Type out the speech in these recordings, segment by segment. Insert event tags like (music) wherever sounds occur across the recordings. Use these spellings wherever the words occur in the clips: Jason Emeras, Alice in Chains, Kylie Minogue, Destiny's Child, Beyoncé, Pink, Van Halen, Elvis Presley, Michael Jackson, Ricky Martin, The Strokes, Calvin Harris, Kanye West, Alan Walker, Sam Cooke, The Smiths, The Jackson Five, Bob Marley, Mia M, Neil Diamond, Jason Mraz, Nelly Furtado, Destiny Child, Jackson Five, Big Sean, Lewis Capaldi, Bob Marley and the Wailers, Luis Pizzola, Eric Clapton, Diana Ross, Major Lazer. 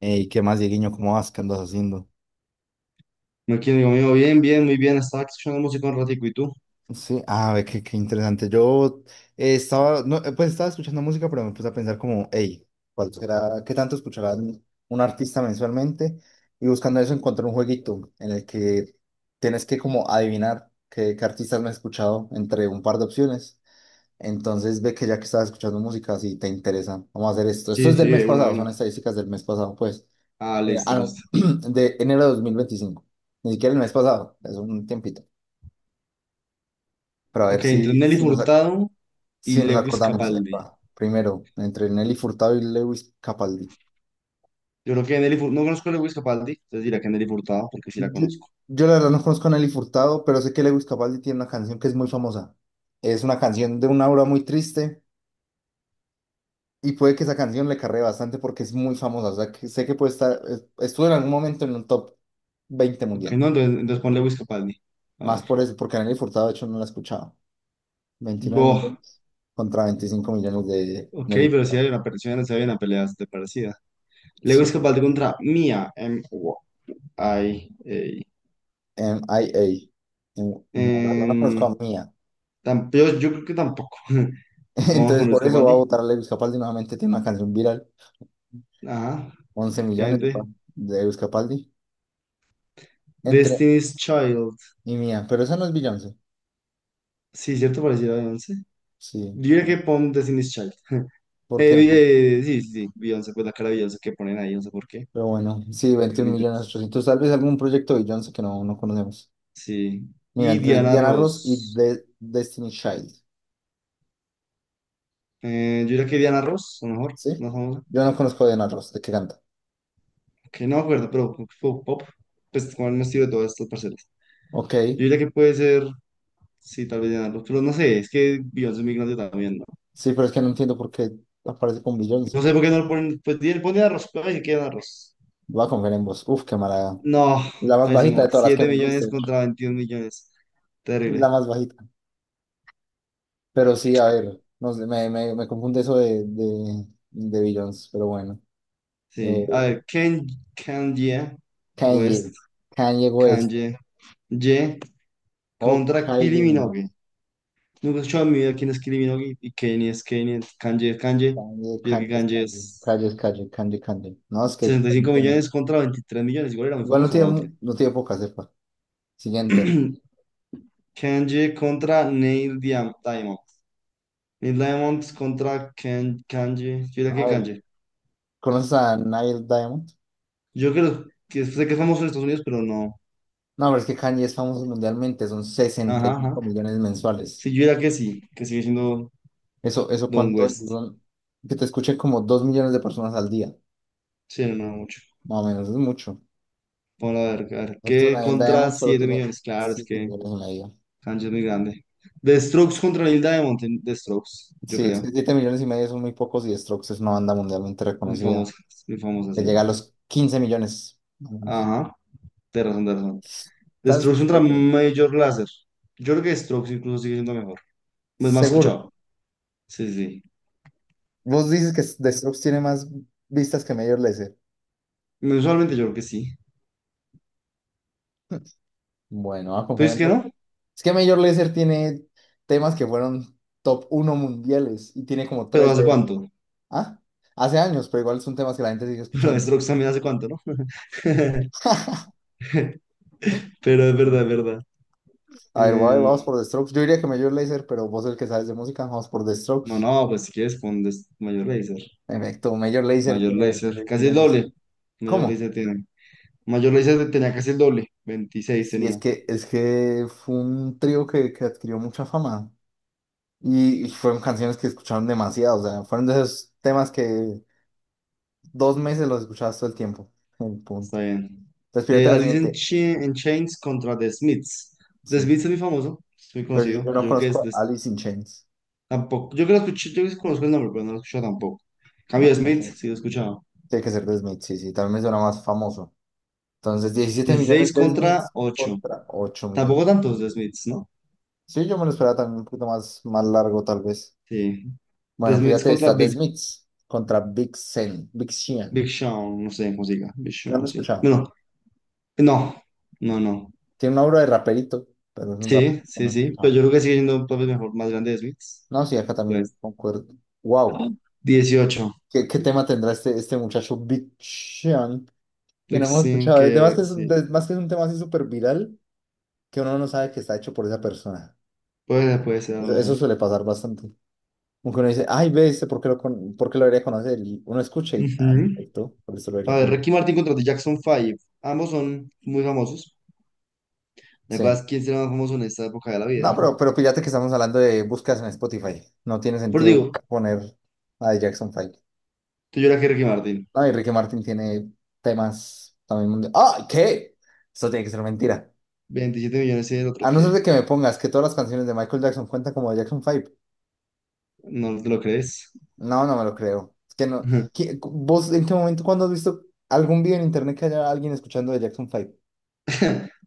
Ey, ¿qué más, Dieguiño? ¿Cómo vas? ¿Qué andas haciendo? No, aquí, amigo mío, bien, bien, muy bien. Estaba aquí escuchando música un ratico, ¿y tú? Sí, ah, ve qué interesante. Yo estaba, no, pues estaba escuchando música, pero me puse a pensar como, hey, ¿cuál será, qué tanto escuchará un artista mensualmente? Y buscando eso encontré un jueguito en el que tienes que como adivinar qué artistas me he escuchado entre un par de opciones. Entonces ve que ya que estás escuchando música, si te interesa, vamos a hacer esto. Esto Sí, es del sí, mes de una, de pasado, una. son estadísticas del mes pasado, pues. Ah, Mira, listo, ah, no, listo. (clears throat) de enero de 2025. Ni siquiera el mes pasado, es un tiempito. Pero a Ok, ver entre Nelly Furtado y si nos Lewis acordamos. Capaldi. Epa, primero, entre Nelly Furtado y Lewis Capaldi. Yo creo que Nelly Furtado, no conozco a Lewis Capaldi, entonces dirá que Nelly Furtado, porque sí la Yo, conozco. yo la verdad no conozco a Nelly Furtado, pero sé que Lewis Capaldi tiene una canción que es muy famosa. Es una canción de una aura muy triste y puede que esa canción le cargue bastante porque es muy famosa. O sea, que sé que puede estuvo en algún momento en un top 20 Ok, mundial. no, entonces pon Lewis Capaldi. A Más ver. por eso, porque a Nelly Furtado de hecho no la escuchaba. veintinueve Boh, millones contra 25 millones de ok, Nelly pero sí Furtado. hay una pelea, sí hay una pelea bastante parecida. Lewis Sí, Capaldi contra Mia M. Ay, ey. MIA. No, la verdad no conozco Em, a Mía. yo creo que tampoco. (laughs) (laughs) Vamos con Entonces, Lewis por eso va a Capaldi. votar a Lewis Capaldi nuevamente. Tiene una canción viral. Ajá, 11 millones de, efectivamente. de Lewis Capaldi. Entre Destiny's Child. y Mía. Pero esa no es Beyoncé. Sí, cierto, pareciera Beyoncé. Yo Sí. diría que No, pon Destiny's Child. ¿por Eh, qué? vi- eh, sí, sí, sí, Beyoncé, pues la cara de Beyoncé que ponen ahí, no sé por qué. Pero bueno, sí, Dios veintiún mío. millones 800. Tal vez algún proyecto de Beyoncé que no conocemos. Sí. Mira, Y entre Diana Diana Ross y Ross. Destiny Child. Yo diría que Diana Ross, a lo mejor, ¿Sí? más famosa. Yo no conozco a Diana Ross. ¿De qué canta? Que no me acuerdo, pero pop, pop, pues con el estilo de todas estas parcelas. Ok. Yo diría que puede ser, sí, tal vez Diana Ross, pero no sé, es que Beyoncé es muy grande también, ¿no? Sí, pero es que no entiendo por qué aparece con No Beyoncé. sé por qué no lo ponen, pues pon Diana Ross, pero dice que Diana Ross. Voy a confiar en vos. Uf, qué mala. No, La más bajita pésimo. de todas las que Siete hemos visto. millones Es contra 21 millones. la Terrible. más bajita. Pero sí, a ver, no sé, me confunde eso de Beyoncé, pero bueno. Sí. A Eh, ver, Kanye Kanye. West, Kanye West. Kanye Ye O contra Kylie Kylie Minogue. Minogue. Nunca he escuchado en mi vida quién es Kylie Minogue y Kanye es Kanye, Kanye es Kanye. Kanye, Yo creo que Kanye, es Kanye Kanye. es Kanye, es Kanye, Kanye, Kanye. No, es que sesenta y no cinco tiene- millones contra 23 millones. Igual era muy igual famosa la otra. No tiene poca cepa. Siguiente. (clears throat) Kanye contra Neil Diamond. Neil Diamond contra Kanye. Yo diría A que ver, Kanye. ¿conoces a Nile Diamond? Yo creo que sé que es famoso en Estados Unidos, pero no. No, pero es que Kanye es famoso mundialmente, son sesenta Ajá, y ajá. cinco millones mensuales. Sí, yo diría que sí, que sigue siendo ¿Eso Don cuánto es? West. Que te escuchen como 2 millones de personas al día, Sí, no, no mucho. más o menos, es mucho. Vamos a ver, a ver. Esto, ¿Qué el contra Diamond solo 7 tiene millones? Claro, es 7 que millones y medio. Kanji es muy grande. The Strokes contra Neil Diamond. The Strokes, yo Sí, es que creo. 7 millones y medio son muy pocos y Strokes es una banda mundialmente reconocida, Es muy famosa, que sí. llega a los 15 millones. Más Ajá, de razón, de razón. The ¿Estás Strokes contra fuerte? Major Lazer. Yo creo que Strokes incluso sigue siendo mejor. Es más Seguro. escuchado. Sí, sí. Vos dices que The Strokes tiene más vistas que Major Lazer. Sí. Usualmente yo creo que sí. Bueno, a Pues confiar es en que vos. no, Es que Major Lazer tiene temas que fueron top uno mundiales y tiene como pero 3 ¿hace de él. cuánto? (laughs) Ah, hace años, pero igual son temas que la gente sigue Pero escuchando. Strokes también hace cuánto, ¿no? (laughs) Pero es verdad, es verdad. A ver, voy- vamos Em, por The Strokes. Yo diría que Major Lazer, pero vos el que sabes de música, vamos por The Strokes. No, no, pues si quieres pon mayor laser. En efecto, Major Lazer Mayor tiene laser. Casi el millones. doble. Mayor ¿Cómo? laser tiene. Mayor laser tenía casi el doble. 26 Sí, tenía. Es que fue un trío que adquirió mucha fama y fueron canciones que escucharon demasiado. O sea, fueron de esos temas que dos meses los escuchabas todo el tiempo. El punto. Está bien. Entonces, fíjate la Alice in, siguiente. Chi- in Chains contra The Smiths. The Sí. Smiths es muy famoso. Es muy Pero conocido. yo no Yo creo que es... conozco a des- Alice in Chains. Tampoco. Yo que lo escuché, yo que conozco el nombre, pero no lo he escuchado tampoco. En No, cambio de no sé. Smiths, sí lo he escuchado. Tiene que ser The Smiths, sí, sí, también me suena más famoso. Entonces, 17 16 millones de contra Smiths ocho. contra 8 millones. Tampoco tantos The Smiths, ¿no? Sí, yo me lo esperaba también un poquito más, más largo, tal vez. Sí. The Bueno, Smiths fíjate, contra está The Big, Smiths contra Big Sean. Big Sean. Big Sean. No sé cómo se diga. Big No lo he Sean, sí. escuchado. Bueno, no. No, no. Tiene una obra de raperito, pero es un rapero Sí, que sí, no he sí. Pero escuchado. yo creo que sigue siendo un papel mejor, más grande de Smiths. No, sí, acá también Pues, concuerdo. ¡ah! Wow. 18. ¿Qué tema tendrá este muchacho Big Sean? Que no Pues hemos sin escuchado. Que, sí. Además que es un tema así súper viral. Que uno no sabe que está hecho por esa persona. Puede ser a lo Eso, mejor. eso suele pasar bastante. Como que uno dice, ay, ve, este, ¿por qué por qué lo debería conocer? Y uno escucha y, ah, no, Ujú. esto, por eso lo A debería ver, conocer. Ricky Martin contra The Jackson Five. Ambos son muy famosos. ¿Te acuerdas Sí. quién será más famoso en esta época de la No, vida? pero, (laughs) pero fíjate que estamos hablando de búsquedas en Spotify. No tiene Por digo, sentido poner a Jackson Five. tú lloras que Ricky Martin. No, y Ricky Martin tiene temas también mundiales. ¡Ah, qué! Eso tiene que ser mentira. 27 millones y el otro A no ser que de que me pongas que todas las canciones de Michael Jackson cuentan como de Jackson Five. no te lo crees. No, no me lo creo. Es que no. (laughs) ¿Vos en qué momento, cuando has visto algún video en internet que haya alguien escuchando de Jackson Five?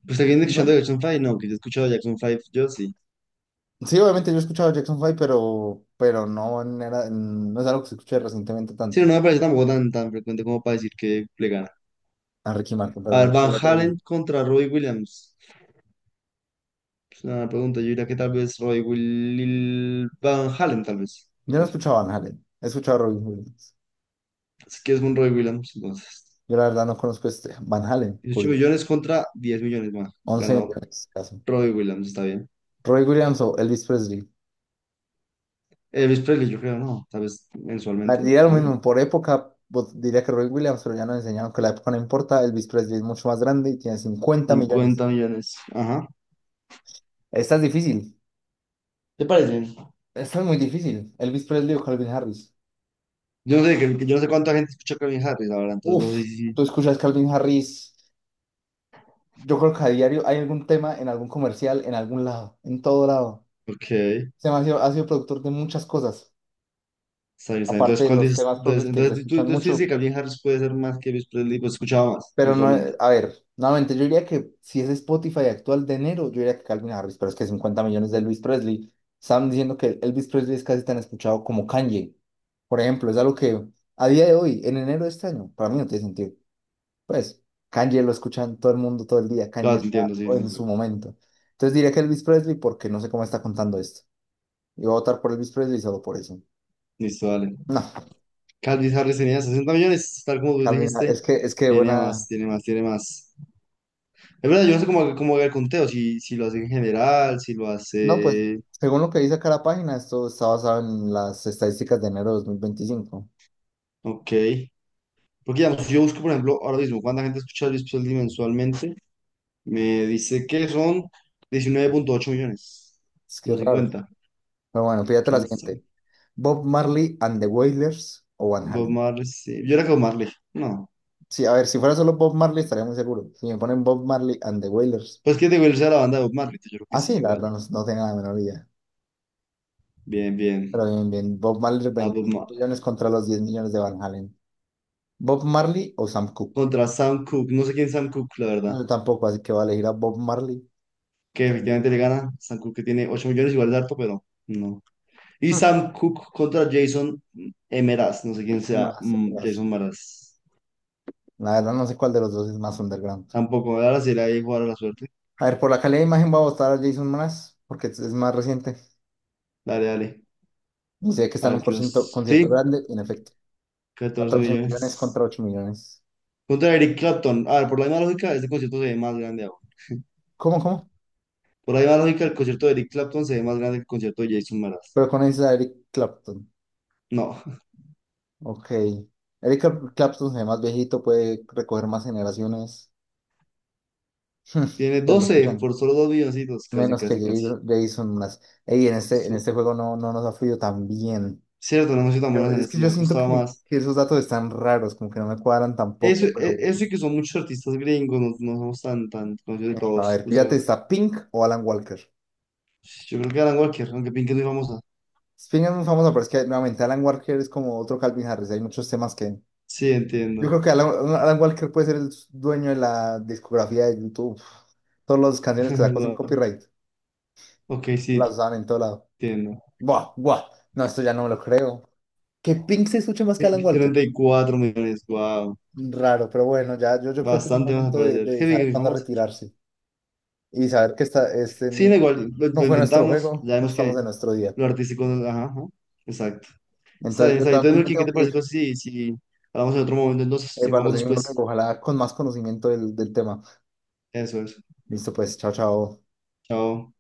Pues alguien escuchando ¿No? Jackson Five, no, que yo he escuchado Jackson Five, yo sí. Sí, obviamente yo he escuchado Jackson Five, pero no, no es algo que se escuche recientemente Sí, tanto no me parece tampoco tan, tan frecuente como para decir que le gana. a Ricky Martin, pero A ver, bueno, Van ya te lo digo. Halen contra Robbie Williams. Es una pregunta. Yo diría que tal vez Roy Will Van Halen, tal vez, Yo no he incluso. escuchado a Van Halen, he escuchado a Robbie Williams. Así que es un Roy Williams, entonces. Yo la verdad no conozco este Van Halen, 18 curioso. millones contra 10 millones más. 11 Ganó millones, caso. Roy Williams, está bien. Roy Williams o Elvis Presley. Elvis Presley, yo creo, no, tal vez A ver, mensualmente, diría lo aún. mismo, por época diría que Roy Williams, pero ya nos enseñaron que la época no importa. Elvis Presley es mucho más grande y tiene 50 millones. 50 millones, ajá. Esta es difícil. ¿Te parece? Esta es muy difícil. Elvis Presley o Calvin Harris. Yo no sé, que yo no sé cuánta gente escucha Calvin Harris ahora, entonces no sé Uf, si... tú escuchas Calvin Harris. Yo creo que a diario hay algún tema en algún comercial, en algún lado, en todo lado. Ok, Se me ha sido productor de muchas cosas, está bien, está bien. aparte Entonces, de ¿cuál los dices? temas Entonces, propios que se entonces, tú, escuchan entonces tú dices que mucho. Calvin Harris puede ser más que Elvis Presley, pues escuchaba más Pero no, mensualmente. A ver, nuevamente, yo diría que si es Spotify actual de enero, yo diría que Calvin Harris, pero es que 50 millones de Elvis Presley. Estaban diciendo que Elvis Presley es casi tan escuchado como Kanye, por ejemplo, es algo que a día de hoy, en enero de este año, para mí no tiene sentido. Pues Kanye lo escuchan todo el mundo todo el día. Kanye Ah, te está entiendo, sí, sí, en su sí. momento. Entonces diría que Elvis Presley porque no sé cómo está contando esto. Y voy a votar por Elvis Presley solo por eso. Listo, dale. No, Calvin Harris tenía 60 millones, tal como tú Calvin, Ha- dijiste, es que es que tiene más, buena. tiene más, tiene más. Es verdad, yo no sé cómo haga el conteo, si lo hace en general, si lo No, pues hace... según lo que dice acá la página, esto está basado en las estadísticas de enero de 2025. Ok. Porque digamos, si yo busco, por ejemplo, ahora mismo, cuánta gente escucha a Luis Pizzola mensualmente, me dice que son 19,8 millones, Es que no es raro. 50. Pero bueno, fíjate la ¿Quién sabe? siguiente. Bob Marley and the Wailers o Van Bob Halen. Marley, sí. Yo era que Bob Marley, no. Sí, a ver, si fuera solo Bob Marley estaría muy seguro. Si me ponen Bob Marley and the Wailers. Pues que digo, él sea la banda de Bob Marley, entonces yo creo que Ah, sí, sí, la igual. verdad no tengo la menor idea. Bien, Pero bien. bien, bien. Bob Marley, Más Bob 20 Marley. millones contra los 10 millones de Van Halen. ¿Bob Marley o Sam Cooke? Contra Sam Cooke, no sé quién es Sam Cooke, la No, verdad. yo tampoco, así que voy a elegir a Bob Marley. Que efectivamente le gana. Sam Cook que tiene 8 millones, igual de harto, pero no. Y (laughs) Sam Cook contra Jason Emeras, no sé quién sea, Más, más. Jason Maras. La verdad no sé cuál de los dos es más underground. Tampoco, ahora sí le hay jugar a la suerte. A ver, por la calidad de imagen voy a votar a Jason Mraz, porque es más reciente. Dale, dale. Y sé que está A en un ver qué nos. concierto, Sí, concierto grande, en efecto. 14 14 millones millones. contra 8 millones. Contra Eric Clapton. A ver, por la misma lógica, este concierto se ve más grande ahora. ¿Cómo, cómo? Por la misma lógica, el concierto de Eric Clapton se ve más grande que el concierto de Jason Maras. Pero con esa Eric Clapton. No, (laughs) Ok. Eric Clapton se ve más viejito, puede recoger más generaciones. (laughs) tiene Pero lo 12 por escuchan. solo 2 milloncitos, casi, Menos que casi, casi. Jason más. Ey, en este, en Su- este juego no nos ha fluido tan bien. Cierto, no hemos sido tan buenos en Es que esto, yo nos ha siento costado que, más. que esos datos están raros, como que no me cuadran Eso, tampoco, pero e- eso y que son muchos artistas gringos, no, no somos tan, tan conocidos de a todos, ver, fíjate, justamente. ¿está Pink o Alan Walker? Yo creo que Alan Walker, aunque Pink es muy famosa. Pink es muy famoso, pero es que nuevamente Alan Walker es como otro Calvin Harris, hay muchos temas que... Sí, Yo entiendo. creo que Alan Walker puede ser el dueño de la discografía de YouTube. Todas las canciones que (laughs) sacó sin Wow. copyright, Ok, las sí, usaban en todo lado. entiendo. Buah, buah, no, esto ya no me lo creo. ¿Que Pink se escuche más que Alan Pink, Walker? 34 millones, wow. Raro, pero bueno, ya yo creo que es un Bastante más a momento de, parecer, que Pink es saber muy cuándo famosa. retirarse y saber que este Sí, da igual, lo, no lo fue nuestro intentamos, juego, ya no vemos estamos que en nuestro día. lo artístico, ajá, ajá, exacto. Está Entonces bien, yo está bien. Entonces, también me Melqui, ¿qué tengo te que parece? ir Entonces, si hablamos en otro momento, entonces, si para lo jugamos seguimos luego, después. ojalá con más conocimiento del tema. Eso es. Listo, pues, chao, chao. Chao.